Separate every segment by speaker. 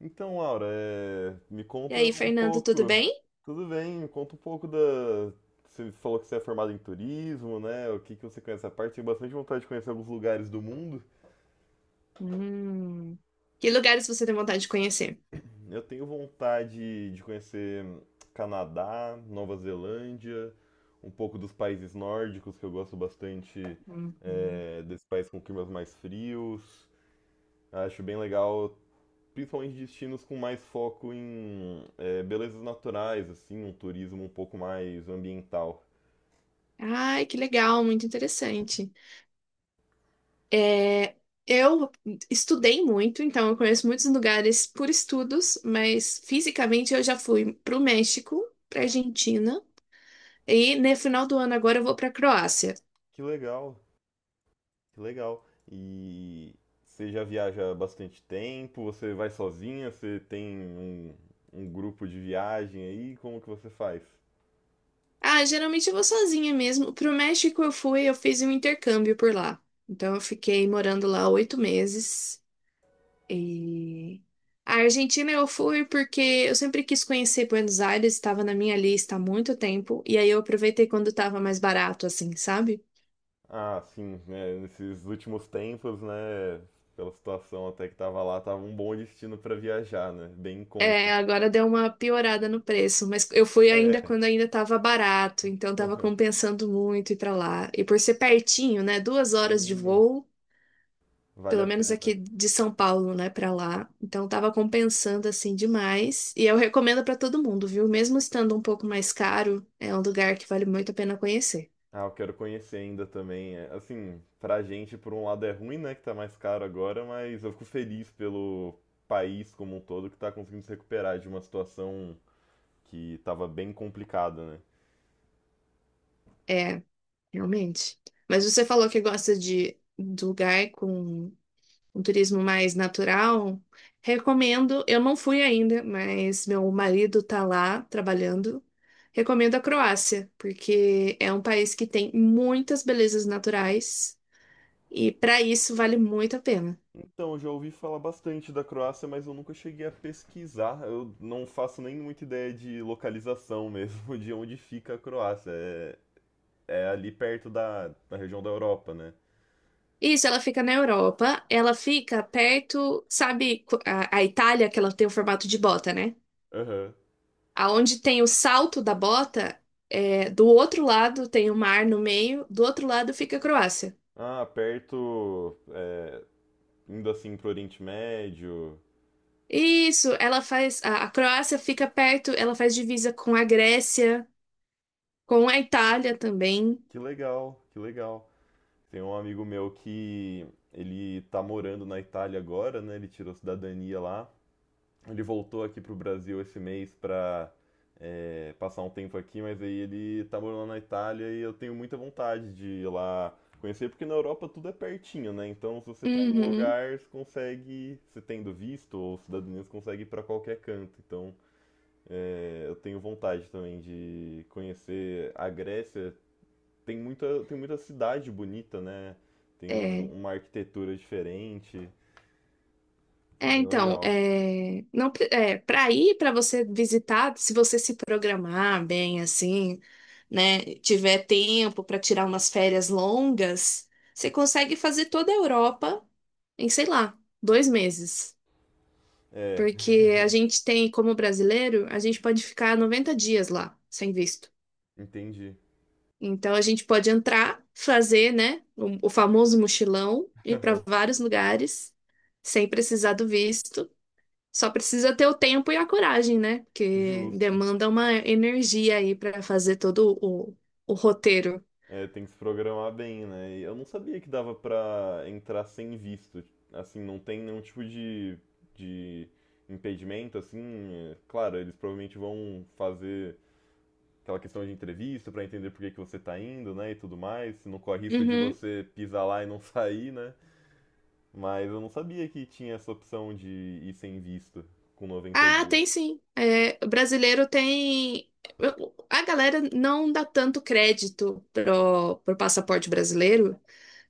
Speaker 1: Então, Laura, me
Speaker 2: E
Speaker 1: conta
Speaker 2: aí,
Speaker 1: um
Speaker 2: Fernando, tudo
Speaker 1: pouco.
Speaker 2: bem?
Speaker 1: Tudo bem, me conta um pouco da. Você falou que você é formado em turismo, né? O que que você conhece a parte? Tenho bastante vontade de conhecer alguns lugares do mundo.
Speaker 2: Que lugares você tem vontade de conhecer?
Speaker 1: Eu tenho vontade de conhecer Canadá, Nova Zelândia, um pouco dos países nórdicos, que eu gosto bastante, desses países com climas mais frios. Acho bem legal principalmente destinos com mais foco em belezas naturais, assim, um turismo um pouco mais ambiental.
Speaker 2: Ai, que legal, muito interessante. É, eu estudei muito, então eu conheço muitos lugares por estudos, mas fisicamente eu já fui para o México, para Argentina, e no final do ano agora eu vou para Croácia.
Speaker 1: Que legal, que legal. E você já viaja há bastante tempo? Você vai sozinha? Você tem um grupo de viagem aí? Como que você faz?
Speaker 2: Ah, geralmente eu vou sozinha mesmo. Para o México eu fui, eu fiz um intercâmbio por lá. Então eu fiquei morando lá 8 meses. E a Argentina eu fui porque eu sempre quis conhecer Buenos Aires, estava na minha lista há muito tempo, e aí eu aproveitei quando estava mais barato, assim, sabe?
Speaker 1: Ah, sim, né, nesses últimos tempos, né, pela situação até que tava lá, tava um bom destino para viajar, né? Bem em conta.
Speaker 2: É, agora deu uma piorada no preço, mas eu fui ainda
Speaker 1: É,
Speaker 2: quando ainda estava barato, então estava compensando muito ir para lá. E por ser pertinho, né? 2 horas de
Speaker 1: sim,
Speaker 2: voo,
Speaker 1: vale a
Speaker 2: pelo menos
Speaker 1: pena.
Speaker 2: aqui de São Paulo, né, para lá. Então estava compensando assim demais. E eu recomendo para todo mundo, viu? Mesmo estando um pouco mais caro, é um lugar que vale muito a pena conhecer.
Speaker 1: Ah, eu quero conhecer ainda também. É, assim, pra gente, por um lado é ruim, né, que tá mais caro agora, mas eu fico feliz pelo país como um todo que tá conseguindo se recuperar de uma situação que tava bem complicada, né?
Speaker 2: É, realmente. Mas você falou que gosta de lugar com um turismo mais natural. Recomendo, eu não fui ainda, mas meu marido tá lá trabalhando. Recomendo a Croácia, porque é um país que tem muitas belezas naturais e para isso vale muito a pena.
Speaker 1: Então, eu já ouvi falar bastante da Croácia, mas eu nunca cheguei a pesquisar. Eu não faço nem muita ideia de localização mesmo, de onde fica a Croácia. É, é ali perto da região da Europa, né?
Speaker 2: Isso, ela fica na Europa, ela fica perto, sabe, a Itália, que ela tem o formato de bota, né?
Speaker 1: Aham.
Speaker 2: Aonde tem o salto da bota, é, do outro lado tem o mar no meio, do outro lado fica a Croácia.
Speaker 1: Ah, perto, indo assim pro Oriente Médio.
Speaker 2: Isso, ela faz. A Croácia fica perto, ela faz divisa com a Grécia, com a Itália também.
Speaker 1: Que legal, que legal. Tem um amigo meu que ele tá morando na Itália agora, né? Ele tirou cidadania lá. Ele voltou aqui pro Brasil esse mês pra passar um tempo aqui, mas aí ele tá morando na Itália e eu tenho muita vontade de ir lá conhecer, porque na Europa tudo é pertinho, né? Então, se você tá em um
Speaker 2: Uhum,
Speaker 1: lugar, você consegue, você tendo visto ou cidadania, você consegue ir pra qualquer canto. Então eu tenho vontade também de conhecer a Grécia, tem muita cidade bonita, né? Tem
Speaker 2: é.
Speaker 1: uma arquitetura diferente,
Speaker 2: É,
Speaker 1: bem
Speaker 2: então,
Speaker 1: legal.
Speaker 2: é, não, pre- é, Para ir, para você visitar, se você se programar bem, assim, né, tiver tempo para tirar umas férias longas, você consegue fazer toda a Europa em, sei lá, 2 meses.
Speaker 1: É,
Speaker 2: Porque a gente tem, como brasileiro, a gente pode ficar 90 dias lá, sem visto.
Speaker 1: entendi.
Speaker 2: Então, a gente pode entrar, fazer, né, o famoso mochilão, ir para vários lugares, sem precisar do visto. Só precisa ter o tempo e a coragem, né? Porque
Speaker 1: Justo.
Speaker 2: demanda uma energia aí para fazer todo o roteiro.
Speaker 1: É, tem que se programar bem, né? E eu não sabia que dava pra entrar sem visto. Assim, não tem nenhum tipo de impedimento, assim. Claro, eles provavelmente vão fazer aquela questão de entrevista pra entender por que que você tá indo, né? E tudo mais. Não corre risco de
Speaker 2: Uhum.
Speaker 1: você pisar lá e não sair, né? Mas eu não sabia que tinha essa opção de ir sem visto com noventa
Speaker 2: Ah,
Speaker 1: dias.
Speaker 2: tem sim. É, o brasileiro tem. A galera não dá tanto crédito pro passaporte brasileiro,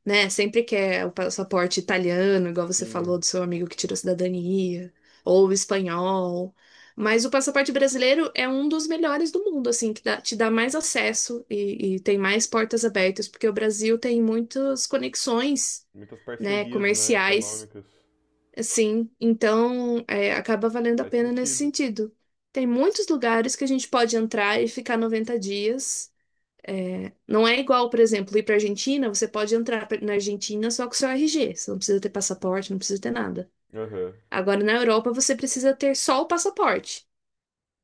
Speaker 2: né? Sempre quer o passaporte italiano, igual você
Speaker 1: Sim,
Speaker 2: falou do seu amigo que tirou cidadania, ou o espanhol. Mas o passaporte brasileiro é um dos melhores do mundo, assim, que te dá mais acesso e tem mais portas abertas, porque o Brasil tem muitas conexões,
Speaker 1: muitas
Speaker 2: né,
Speaker 1: parcerias, né,
Speaker 2: comerciais,
Speaker 1: econômicas.
Speaker 2: assim, então é, acaba valendo a
Speaker 1: Faz
Speaker 2: pena nesse
Speaker 1: sentido.
Speaker 2: sentido. Tem muitos lugares que a gente pode entrar e ficar 90 dias é, não é igual, por exemplo, ir para Argentina, você pode entrar na Argentina só com o seu RG. Você não precisa ter passaporte, não precisa ter nada.
Speaker 1: Aham.
Speaker 2: Agora, na Europa, você precisa ter só o passaporte.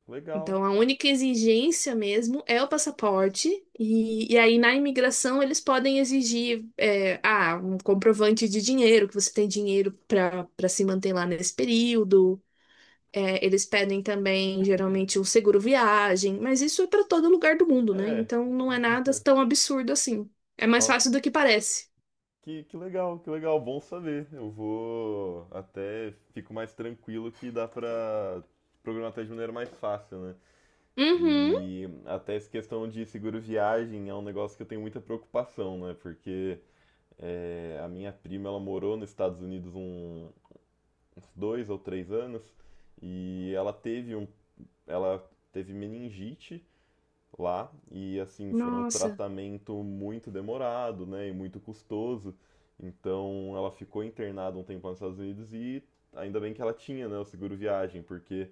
Speaker 1: Legal.
Speaker 2: Então, a única exigência mesmo é o passaporte. E aí, na imigração, eles podem exigir é, ah, um comprovante de dinheiro, que você tem dinheiro para se manter lá nesse período. É, eles pedem também, geralmente, o seguro viagem, mas isso é para todo lugar do mundo, né?
Speaker 1: É,
Speaker 2: Então não é nada tão absurdo assim. É mais
Speaker 1: nossa,
Speaker 2: fácil do que parece.
Speaker 1: que legal, bom saber. Eu vou até fico mais tranquilo que dá pra programar até de maneira mais fácil, né?
Speaker 2: Uhum.
Speaker 1: E até essa questão de seguro viagem é um negócio que eu tenho muita preocupação, né? Porque a minha prima, ela morou nos Estados Unidos um, uns 2 ou 3 anos e ela teve meningite lá e assim foi um
Speaker 2: Nossa.
Speaker 1: tratamento muito demorado, né, e muito custoso. Então ela ficou internada um tempo nos Estados Unidos e ainda bem que ela tinha, né, o seguro viagem, porque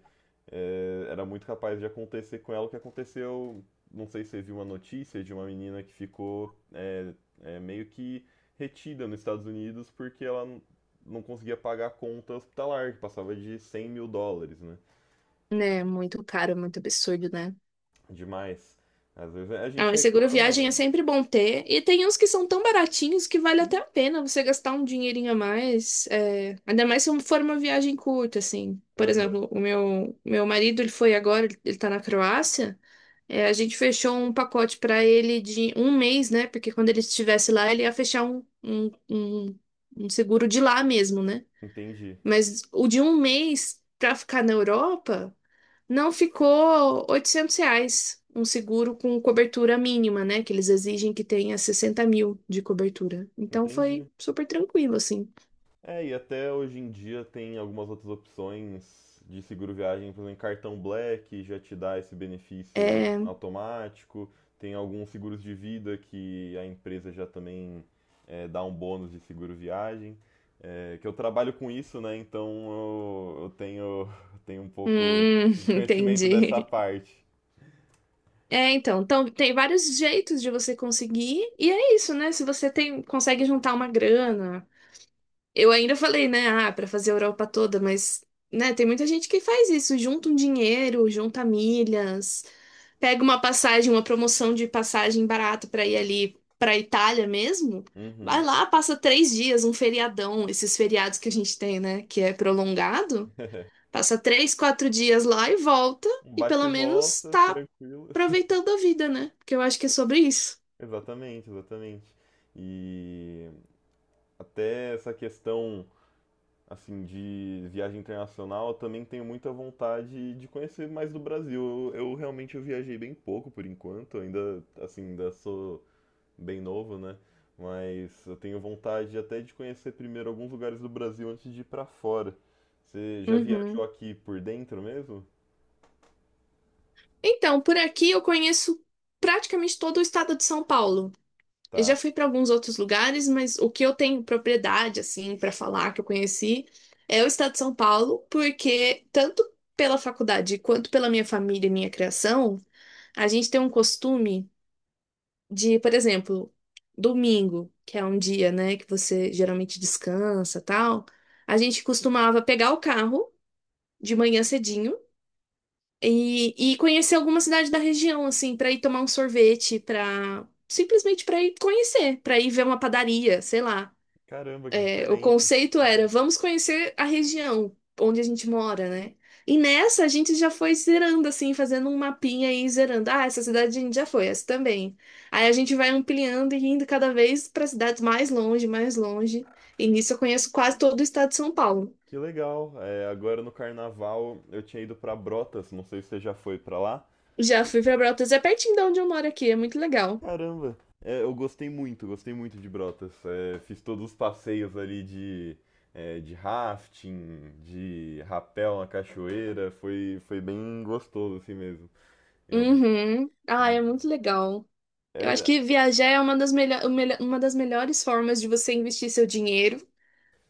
Speaker 1: era muito capaz de acontecer com ela o que aconteceu. Não sei se você viu uma notícia de uma menina que ficou meio que retida nos Estados Unidos porque ela não conseguia pagar a conta hospitalar, que passava de US$ 100.000, né?
Speaker 2: Né, muito caro, é muito absurdo, né?
Speaker 1: Demais. Às vezes a
Speaker 2: Ah,
Speaker 1: gente
Speaker 2: mas seguro
Speaker 1: reclama,
Speaker 2: viagem é
Speaker 1: né?
Speaker 2: sempre bom ter. E tem uns que são tão baratinhos que vale até
Speaker 1: Sim.
Speaker 2: a pena você gastar um dinheirinho a mais. É, ainda mais se for uma viagem curta, assim. Por
Speaker 1: Aham,
Speaker 2: exemplo, o meu marido, ele foi agora, ele tá na Croácia. É, a gente fechou um pacote para ele de um mês, né? Porque quando ele estivesse lá, ele ia fechar um seguro de lá mesmo, né?
Speaker 1: entendi,
Speaker 2: Mas o de um mês para ficar na Europa não ficou R$ 800. Um seguro com cobertura mínima, né? Que eles exigem que tenha 60 mil de cobertura. Então
Speaker 1: entendi.
Speaker 2: foi super tranquilo, assim.
Speaker 1: É, e até hoje em dia tem algumas outras opções de seguro viagem, por exemplo, cartão Black já te dá esse benefício
Speaker 2: É...
Speaker 1: automático. Tem alguns seguros de vida que a empresa já também dá um bônus de seguro viagem. É que eu trabalho com isso, né? Então eu tenho, tenho um pouco de conhecimento dessa
Speaker 2: Entendi.
Speaker 1: parte.
Speaker 2: É, então tem vários jeitos de você conseguir, e é isso, né? Se você tem, consegue juntar uma grana. Eu ainda falei, né? Ah, para fazer a Europa toda, mas, né, tem muita gente que faz isso, junta um dinheiro, junta milhas, pega uma passagem, uma promoção de passagem barata para ir ali para Itália mesmo. Vai
Speaker 1: Uhum.
Speaker 2: lá, passa 3 dias, um feriadão, esses feriados que a gente tem, né? Que é prolongado. Passa 3, 4 dias lá e volta,
Speaker 1: Um
Speaker 2: e
Speaker 1: bate
Speaker 2: pelo
Speaker 1: e
Speaker 2: menos
Speaker 1: volta,
Speaker 2: tá
Speaker 1: tranquilo.
Speaker 2: aproveitando a vida, né? Porque eu acho que é sobre isso.
Speaker 1: Exatamente, exatamente. E até essa questão assim de viagem internacional, eu também tenho muita vontade de conhecer mais do Brasil. Eu realmente eu viajei bem pouco por enquanto, ainda assim, ainda sou bem novo, né? Mas eu tenho vontade até de conhecer primeiro alguns lugares do Brasil antes de ir pra fora. Você já viajou
Speaker 2: Uhum.
Speaker 1: aqui por dentro mesmo?
Speaker 2: Então, por aqui eu conheço praticamente todo o estado de São Paulo. Eu já
Speaker 1: Tá.
Speaker 2: fui para alguns outros lugares, mas o que eu tenho propriedade, assim, para falar que eu conheci é o estado de São Paulo, porque tanto pela faculdade quanto pela minha família e minha criação, a gente tem um costume de, por exemplo, domingo, que é um dia, né, que você geralmente descansa, tal, a gente costumava pegar o carro de manhã cedinho e conhecer alguma cidade da região, assim, para ir tomar um sorvete, para simplesmente para ir conhecer, para ir ver uma padaria, sei lá.
Speaker 1: Caramba, que
Speaker 2: O
Speaker 1: diferente.
Speaker 2: conceito era, vamos conhecer a região onde a gente mora, né? E nessa a gente já foi zerando, assim, fazendo um mapinha e zerando. Ah, essa cidade a gente já foi, essa também. Aí a gente vai ampliando e indo cada vez para cidades mais longe, mais longe. E nisso eu conheço quase todo o estado de São Paulo.
Speaker 1: Que legal. É, agora no carnaval eu tinha ido pra Brotas, não sei se você já foi pra lá.
Speaker 2: Já fui para Brotas, é pertinho de onde eu moro aqui, é muito legal.
Speaker 1: Caramba. É, eu gostei muito de Brotas. É, fiz todos os passeios ali de, de rafting, de rapel na cachoeira, foi bem gostoso assim mesmo. Eu,
Speaker 2: Uhum. Ah, é muito legal. Eu acho
Speaker 1: é,
Speaker 2: que viajar é uma das, uma das melhores formas de você investir seu dinheiro.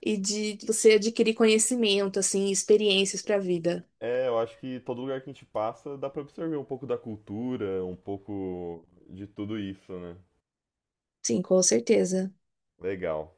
Speaker 2: E de você adquirir conhecimento, assim, experiências para a vida.
Speaker 1: eu acho que todo lugar que a gente passa dá pra absorver um pouco da cultura, um pouco de tudo isso, né?
Speaker 2: Sim, com certeza.
Speaker 1: Legal.